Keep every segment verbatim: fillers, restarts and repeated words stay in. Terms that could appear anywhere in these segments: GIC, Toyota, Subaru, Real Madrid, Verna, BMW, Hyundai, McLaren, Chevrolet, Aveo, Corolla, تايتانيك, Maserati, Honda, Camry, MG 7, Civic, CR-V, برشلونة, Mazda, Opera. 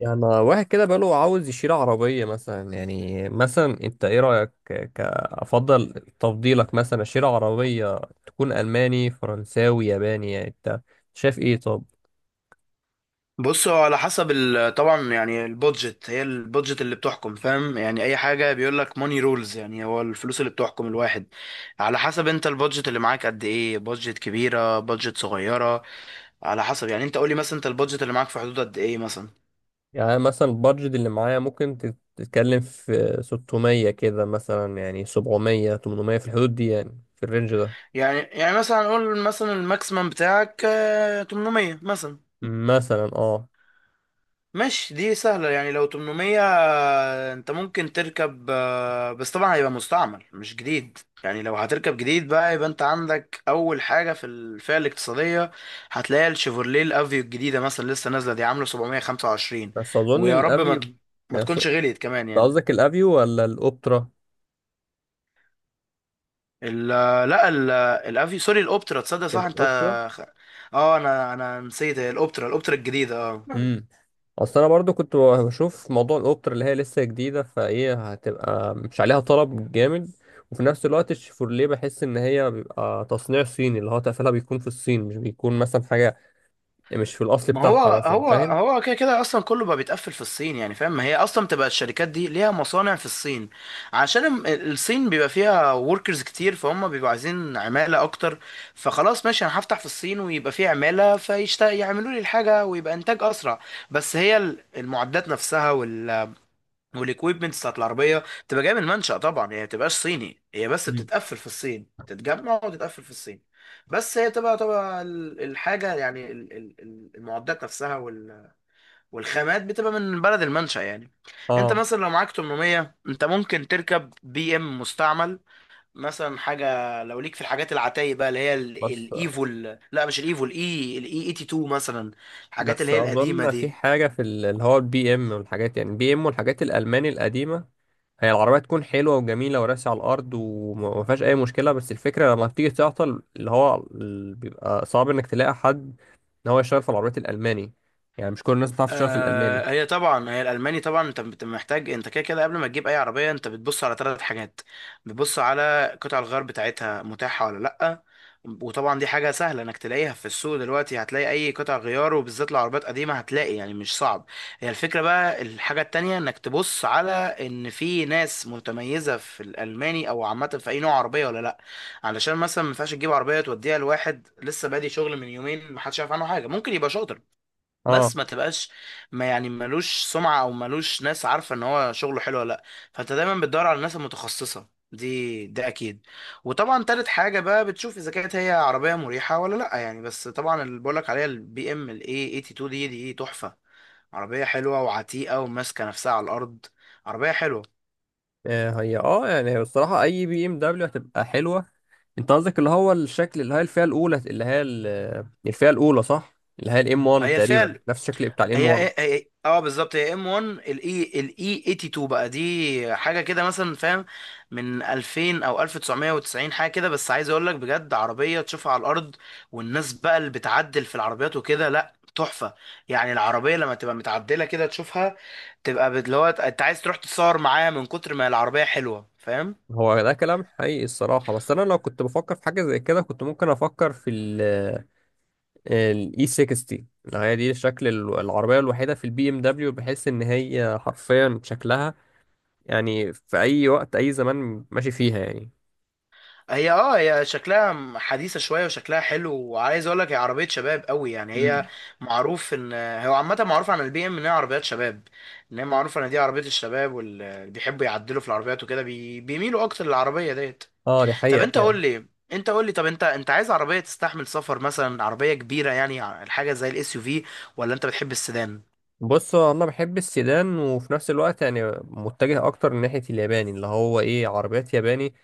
يعني واحد كده بقاله عاوز يشيل عربية مثلا. يعني مثلا انت ايه رأيك ك- كأفضل تفضيلك مثلا اشيل عربية تكون ألماني فرنساوي ياباني؟ يعني انت شايف ايه؟ طب بص، هو على حسب ال- طبعا يعني البودجت، هي البودجت اللي بتحكم. فاهم؟ يعني اي حاجه بيقول لك ماني رولز، يعني هو الفلوس اللي بتحكم الواحد. على حسب انت البودجت اللي معاك قد ايه، بودجت كبيره بودجت صغيره. على حسب يعني انت قول لي مثلا، انت البودجت اللي معاك في حدود قد ايه مثلا؟ يعني مثلا البادجت اللي معايا ممكن تت- تتكلم في ستمية كده مثلا، يعني سبعمية تمنمية، في الحدود دي، يعني في الرينج ده يعني يعني مثلا قول مثلا الماكسيمم بتاعك آه، تمانمية مثلا. مثلا. اه مش دي سهلة، يعني لو تمانمية انت ممكن تركب، آه، بس طبعا هيبقى مستعمل مش جديد. يعني لو هتركب جديد بقى، يبقى انت عندك اول حاجة في الفئة الاقتصادية هتلاقي الشيفورليه الافيو الجديدة مثلا لسه نازلة، دي عاملة سبعمائة وخمسة وعشرين. بس أظن ويا رب ما الأفيو. ت- ما يعني تكونش غليت كمان يعني. قصدك الأفيو ولا الأوبترا؟ ال لا ال الافيو، سوري، الاوبترا، تصدق؟ صح انت. الأوبترا. اه، انا انا نسيت، هي الاوبترا، الاوبترا الجديدة، اه. اصل انا برضو كنت بشوف موضوع الاوبتر اللي هي لسه جديده، فايه هتبقى مش عليها طلب جامد. وفي نفس الوقت الشيفورليه بحس ان هي بيبقى تصنيع صيني، اللي هو تقفلها بيكون في الصين، مش بيكون مثلا حاجه يعني مش في الاصل ما هو بتاعها مثلا، هو فاهم؟ هو كده كده اصلا كله بقى بيتقفل في الصين يعني. فاهم؟ ما هي اصلا تبقى الشركات دي ليها مصانع في الصين. عشان الم- الصين بيبقى فيها وركرز كتير، فهم بيبقوا عايزين عمالة اكتر. فخلاص ماشي، انا هفتح في الصين ويبقى فيه عمالة، فيشتغل يعملوا لي الحاجة، ويبقى انتاج اسرع. بس هي ال- المعدات نفسها والاكويبمنتس بتاعت العربيه بتبقى جايه من المنشأ، طبعا هي ما بتبقاش صيني، هي بس مم. بتتقفل في الصين، تتجمع وتتقفل في الصين. بس هي تبقى تبقى ال- الحاجه يعني، ال- ال- ال- المعدات نفسها وال- والخامات بتبقى من بلد المنشأ يعني. انت اه مثلا لو معاك تمانمية انت ممكن تركب بي ام مستعمل مثلا. حاجه لو ليك في الحاجات العتايه بقى، اللي هي ال- بس الايفو ال- لا مش الايفو الاي الاي اتنين وتمانين مثلا، الحاجات اللي بس هي القديمه اظن في دي. حاجه في ال- اللي هو البي ام والحاجات، يعني البي ام والحاجات الالماني القديمه، هي العربية تكون حلوة وجميلة وراسي على الأرض وما فيهاش أي مشكلة. بس الفكرة لما بتيجي تعطل اللي هو ال- بيبقى صعب إنك تلاقي حد إن هو يشتغل في العربيات الألماني. يعني مش كل الناس بتعرف تشتغل في الألماني. آه، هي طبعا هي الالماني، طبعا انت بت- محتاج. انت كده كده قبل ما تجيب اي عربيه انت بتبص على ثلاث حاجات: بتبص على قطع الغيار بتاعتها متاحه ولا لا، وطبعا دي حاجه سهله انك تلاقيها في السوق. دلوقتي هتلاقي اي قطع غيار، وبالذات العربيات قديمه هتلاقي، يعني مش صعب. هي الفكره بقى. الحاجه التانية، انك تبص على ان في ناس متميزه في الالماني او عامه في اي نوع عربيه ولا لا، علشان مثلا ما ينفعش تجيب عربيه توديها لواحد لسه بادي شغل من يومين، ما حدش عارف عنه حاجه. ممكن يبقى شاطر اه. بس ما تبقاش، ما يعني ملوش سمعة او ملوش ناس عارفة ان هو شغله حلو ولا لا. فانت دايما بتدور على الناس المتخصصة دي، ده اكيد. وطبعا تالت حاجة بقى بتشوف اذا كانت هي عربية مريحة ولا لا يعني. بس طبعا اللي بقولك عليها البي ام الاي تمانية اتنين دي، دي تحفة. عربية حلوة وعتيقة وماسكة نفسها على الارض، عربية حلوة. آه، هي اه يعني هي الصراحة أي بي إم دبليو هتبقى حلوة. أنت قصدك اللي هو الشكل اللي هي الفئة الأولى اللي هي ال- الفئة الأولى، صح؟ اللي هي الإم واحد هي الفئة، تقريبا هي نفس الشكل بتاع الإم هي واحد. هي- إيه. اه، بالظبط، هي ام واحد، الاي الاي تمانية اتنين بقى، دي حاجه كده مثلا، فاهم؟ من ألفين او ألف وتسعمية وتسعين حاجه كده، بس عايز اقول لك بجد، عربيه تشوفها على الارض. والناس بقى اللي بتعدل في العربيات وكده، لا تحفه يعني. العربيه لما تبقى متعدله كده تشوفها، تبقى بت- اللي هو انت عايز تروح تتصور معاها من كتر ما العربيه حلوه. فاهم؟ هو ده كلام حقيقي الصراحة. بس أنا لو كنت بفكر في حاجة زي كده كنت ممكن أفكر في الاي ستين. هي دي شكل ال- العربية الوحيدة في البي ام دبليو بحيث ان هي حرفيا شكلها يعني في اي وقت اي زمان ماشي فيها يعني. هي اه، هي شكلها م- حديثة شوية وشكلها حلو، وعايز اقول لك هي عربية شباب قوي يعني. هي امم معروف ان، هو عامة معروف عن البي ام ان هي عربيات شباب، ان هي معروفة ان دي عربية الشباب، واللي بيحبوا يعدلوا في العربيات وكده بي... بيميلوا اكتر للعربية ديت. اه دي طب حقيقة انت فعلا. قول لي، انت قول لي طب انت انت عايز عربية تستحمل سفر مثلا، عربية كبيرة يعني، ع- حاجة زي الاس يو في، ولا انت بتحب السيدان؟ بص هو انا بحب السيدان، وفي نفس الوقت يعني متجه اكتر ناحية الياباني، اللي هو ايه، عربيات ياباني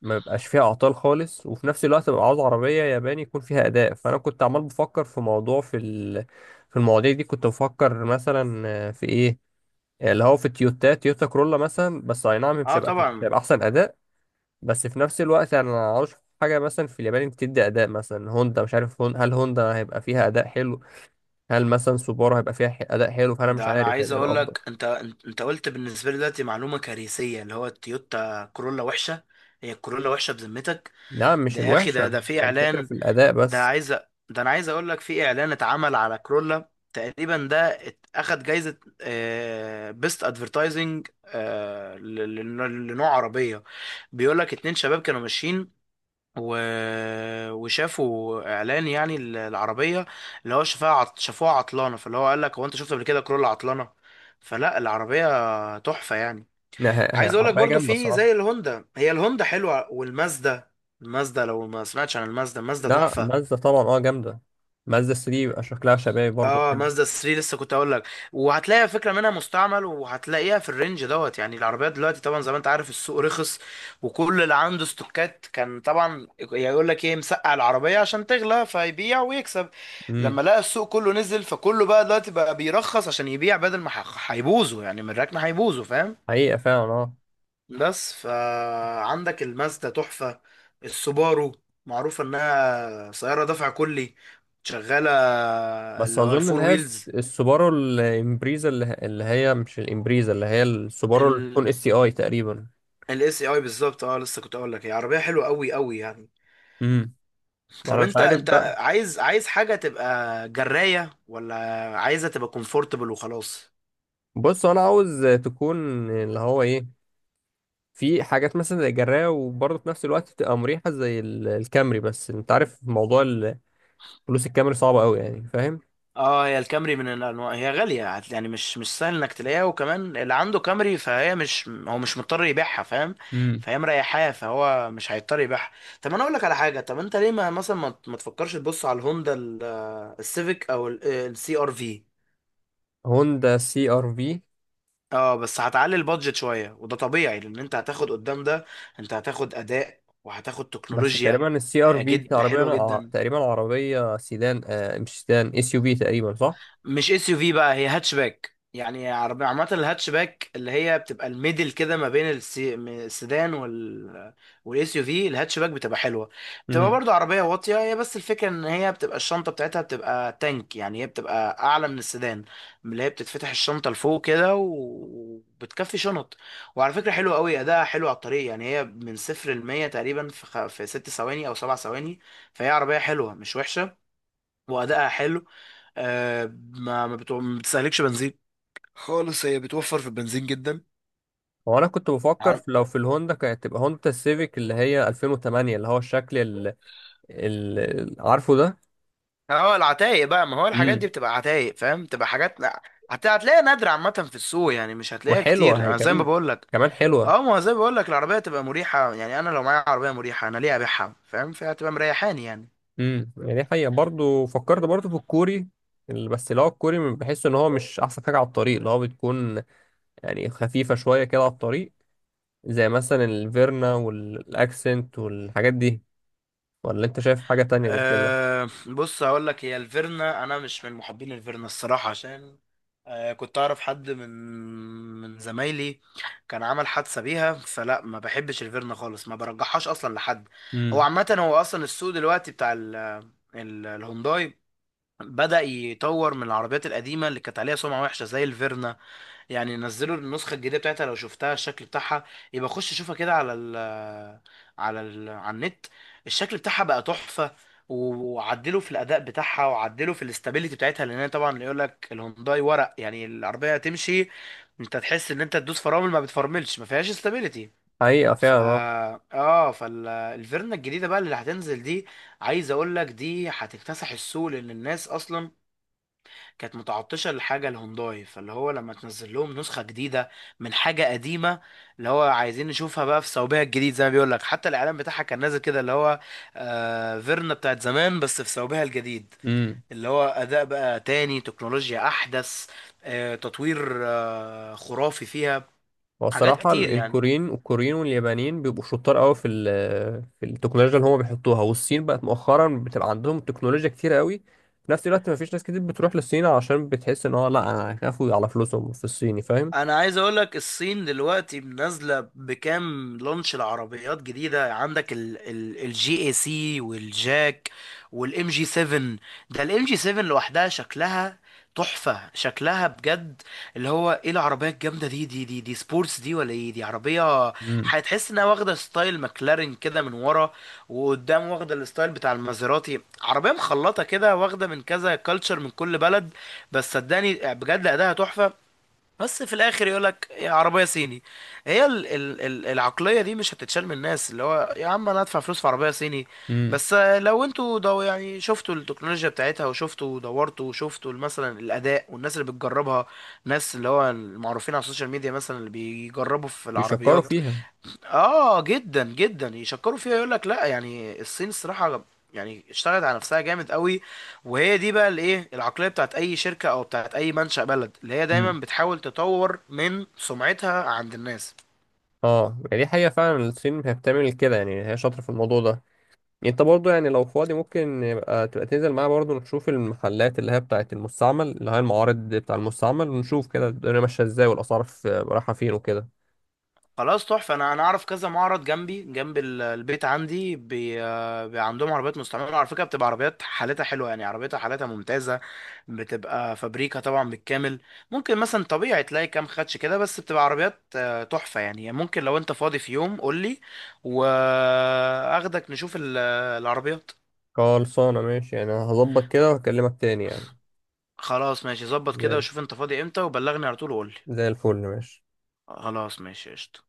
ما بيبقاش فيها اعطال خالص. وفي نفس الوقت ببقى عاوز عربية ياباني يكون فيها اداء. فانا كنت عمال بفكر في موضوع في ال... في المواضيع دي كنت بفكر مثلا آه، في ايه اللي هو في التويوتا، تويوتا كرولا مثلا. بس اي نعم مش اه هيبقى، مش طبعا. هيبقى احسن اداء. بس في نفس الوقت يعني انا ما اعرفش حاجه مثلا في اليابان بتدي اداء، مثلا هوندا، مش عارف هون هل هوندا هيبقى فيها اداء حلو، هل مثلا سوبارو هيبقى فيها ح- اداء حلو. فانا مش ده انا عارف هيبقى عايز ايه اقول الافضل. لك انت انت قلت بالنسبه لي دلوقتي معلومه كارثيه، اللي هو التويوتا كورولا وحشه. هي الكورولا وحشه بذمتك؟ نعم مش ده يا اخي، ده الوحشه، ده في هي الفكره اعلان، في الاداء ده بس. عايز أ- ده انا عايز اقول لك، في اعلان اتعمل على كورولا تقريبا، ده ات- اخد جايزه بيست ادفرتايزنج لنوع عربيه. بيقول لك اتنين شباب كانوا ماشيين، و... وشافوا اعلان يعني ال- العربيه، اللي هو شافها عط... شافوها عطلانه. فاللي هو قال لك، هو انت شفت قبل كده كرولا عطلانه؟ فلا، العربيه تحفه يعني. إنها هي هي عايز اقول لك عربيه برضو، جامده في الصراحه. زي الهوندا، هي الهوندا حلوه، والمازدا، المازدا لو ما سمعتش عن المازدا، المازدا لا تحفه. مازدا طبعا اه جامده. مازدا تلاتة بيبقى شكلها شبابي برضه اه حلو. مازدا تلاتة لسه كنت اقول لك، وهتلاقي فكره منها مستعمل، وهتلاقيها في الرينج دوت. يعني العربيات دلوقتي طبعا، زي ما انت عارف، السوق رخص. وكل اللي عنده استوكات كان طبعا يقول لك ايه، مسقع العربيه عشان تغلى، فيبيع ويكسب. امم لما لقى السوق كله نزل، فكله بقى دلوقتي بقى بيرخص عشان يبيع، بدل ما ح- هيبوظوا يعني، من الركنه هيبوظوا، فاهم؟ حقيقه فعلا اه. بس فعندك المازدا تحفه. السوبارو معروفه انها سياره دفع كلي شغاله، بس اللي هو اظن الفور اللي هي الس- ويلز. السوبارو الامبريزا اللي، ه- اللي هي مش الامبريزا، اللي هي السوبارو اللي ال تكون اس سي اي تقريبا. الاس اي بالظبط، اه لسه كنت اقول لك، هي عربيه حلوه قوي قوي يعني. امم ما طب انا مش انت، عارف انت بقى. عايز عايز حاجه تبقى جرايه، ولا عايزها تبقى كومفورتبل وخلاص؟ بص انا عاوز تكون اللي هو ايه، في حاجات مثلا زي الجراية وبرضه في نفس الوقت تبقى مريحة زي ال- الكامري. بس انت عارف موضوع ال- فلوس الكامري صعبة قوي يعني، فاهم؟ اه، هي الكامري من الانواع، هي غاليه، هت- يعني مش مش سهل انك تلاقيها. وكمان اللي عنده كامري فهي مش، هو مش مضطر يبيعها، فاهم؟ امم فهي مريحاه، فهو مش هيضطر يبيعها. طب انا اقول لك على حاجه، طب انت ليه ما مثلا ما ما تفكرش تبص على الهوندا ال- السيفيك او السي ار في؟ هوندا سي ار في. اه، بس هتعلي البادجت شويه، وده طبيعي لان انت هتاخد قدام ده، انت هتاخد اداء وهتاخد بس تكنولوجيا. تقريبا السي ار آه، في دي جد عربية حلوه أنا ع- جدا. تقريبا عربية سيدان، آه مش سيدان، اس يو في تقريبا، صح؟ مش اس يو في بقى، هي هاتشباك يعني، عربية عامة. الهاتشباك اللي هي بتبقى الميدل كده ما بين السي- م- السيدان وال، والاس يو في. الهاتشباك بتبقى حلوة، بتبقى برضو عربية واطية هي، بس الفكرة ان هي بتبقى الشنطة بتاعتها بتبقى تانك يعني، هي بتبقى اعلى من السيدان، اللي هي بتتفتح الشنطة لفوق كده و- وبتكفي شنط. وعلى فكرة حلوة قوي، اداها حلو على الطريق يعني. هي من صفر لمية تقريبا في خ... في ست ثواني او سبع ثواني. فهي عربية حلوة مش وحشة، وادائها حلو. آه ما ما, بتو... ما بتستهلكش بنزين خالص، هي بتوفر في البنزين جدا. هو انا كنت بفكر عم- في لو في الهوندا كانت تبقى هوندا السيفيك اللي هي الفين وتمانية، اللي هو الشكل اللي، اللي عارفه ده. اه، العتايق بقى، ما هو الحاجات دي امم بتبقى عتايق، فاهم؟ بتبقى حاجات لا، هت- هتلاقيها نادرة عامة في السوق يعني، مش هتلاقيها وحلوه كتير هي انا زي ما كمان، بقول لك. كمان حلوه. اه، ما هو زي ما بقول لك، العربية تبقى مريحة يعني، انا لو معايا عربية مريحة انا ليه ابيعها؟ فاهم؟ فهتبقى مريحاني يعني. امم يعني دي حقيقه. برضو فكرت برضو في الكوري ال- بس اللي هو الكوري بحس ان هو مش احسن حاجه على الطريق، اللي هو بتكون يعني خفيفه شويه كده على الطريق، زي مثلا الفيرنا والاكسنت والحاجات دي. ولا انت شايف حاجه تانية غير كده؟ أه بص، هقول لك، هي الفيرنا انا مش من محبين الفيرنا الصراحه، عشان أه كنت اعرف حد من من زمايلي كان عمل حادثه بيها. فلا، ما بحبش الفيرنا خالص، ما برجحهاش اصلا لحد. هو امم عامه، هو اصلا السوق دلوقتي بتاع ال ال الهونداي بدأ يطور من العربيات القديمه اللي كانت عليها سمعه وحشه زي الفيرنا. يعني نزلوا النسخة الجديدة بتاعتها، لو شفتها الشكل بتاعها، يبقى خش شوفها كده على ال على ال على النت. الشكل بتاعها بقى تحفة. و- وعدلوا في الأداء بتاعها، وعدلوا في الاستابيليتي بتاعتها، لأن هي طبعا يقول لك الهونداي ورق يعني، العربية تمشي انت تحس ان انت تدوس فرامل ما بتفرملش، ما فيهاش استابيليتي. حقيقه ف فعلا اه فالفيرنا الجديدة بقى اللي هتنزل دي، عايز اقول لك دي هتكتسح السوق. لأن الناس أصلا كانت متعطشة لحاجة الهونداي، فاللي هو لما تنزل لهم نسخة جديدة من حاجة قديمة، اللي هو عايزين نشوفها بقى في صوبها الجديد. زي ما بيقول لك، حتى الإعلان بتاعها كان نازل كده، اللي هو آه فيرنا بتاعت زمان بس في صوبها الجديد. اه. اللي هو أداء بقى تاني، تكنولوجيا أحدث، آه تطوير آه خرافي فيها، هو حاجات الصراحة كتير ال- يعني. الكوريين، والكوريين واليابانيين بيبقوا شطار قوي في ال- في التكنولوجيا اللي هم بيحطوها. والصين بقت مؤخرا بتبقى عندهم تكنولوجيا كتير قوي. في نفس الوقت مفيش ناس كتير بتروح للصين، عشان بتحس ان هو لا انا، هيخافوا على فلوسهم في الصيني، فاهم؟ انا عايز اقول لك، الصين دلوقتي منزله بكام لونش العربيات جديده، عندك الجي اي سي والجاك، والام جي سبعة. ده الام جي سبعة لوحدها شكلها تحفه شكلها بجد، اللي هو ايه؟ العربيه الجامده دي، دي دي دي سبورتس دي ولا ايه؟ دي عربيه امم هتحس انها واخده ستايل ماكلارين كده من ورا، وقدام واخده الستايل بتاع المازيراتي، عربيه مخلطه كده واخده من كذا كلتشر من كل بلد. بس صدقني بجد اداها تحفه. بس في الاخر يقول لك يا عربيه صيني، هي ال ال ال العقليه دي مش هتتشال من الناس، اللي هو يا عم انا ادفع فلوس في عربيه صيني؟ امم بس لو انتوا دو يعني شفتوا التكنولوجيا بتاعتها، وشفتوا ودورتوا، وشفتوا مثلا الاداء والناس اللي بتجربها، ناس اللي هو المعروفين على السوشيال ميديا مثلا اللي بيجربوا في بيشكروا العربيات، فيها. اه جدا جدا يشكروا فيها. يقول لك لا يعني، الصين الصراحه يعني اشتغلت على نفسها جامد قوي. وهي دي بقى الايه، العقليه بتاعت اي شركه او بتاعت اي منشأ بلد، اللي هي دايما امم بتحاول تطور من سمعتها عند الناس. اه يعني دي حقيقة فعلا، الصين هي بتعمل كده يعني، هي شاطرة في الموضوع ده. انت برضو يعني لو فاضي ممكن يبقى، تبقى تنزل معايا برضو نشوف المحلات اللي هي بتاعة المستعمل، اللي هي المعارض بتاع المستعمل، ونشوف كده الدنيا ماشية ازاي، والأسعار في- رايحة فين وكده. خلاص تحفة، أنا أنا أعرف كذا معرض جنبي جنب ال- البيت عندي. بي... آه، بي، عندهم عربيات مستعملة على فكرة، بتبقى عربيات حالتها حلوة يعني، عربيتها حالتها ممتازة. بتبقى فابريكا طبعا بالكامل. ممكن مثلا طبيعي تلاقي كام خدش كده، بس بتبقى عربيات آه، تحفة يعني. ممكن لو أنت فاضي في يوم قولي، وأخدك نشوف ال- العربيات. خلصانة ماشي، يعني هظبط كده خ- وهكلمك تاني يعني. خلاص ماشي ظبط كده، زي وشوف أنت فاضي إمتى وبلغني على طول وقولي. زي الفل ماشي. خلاص ماشي، قشطة.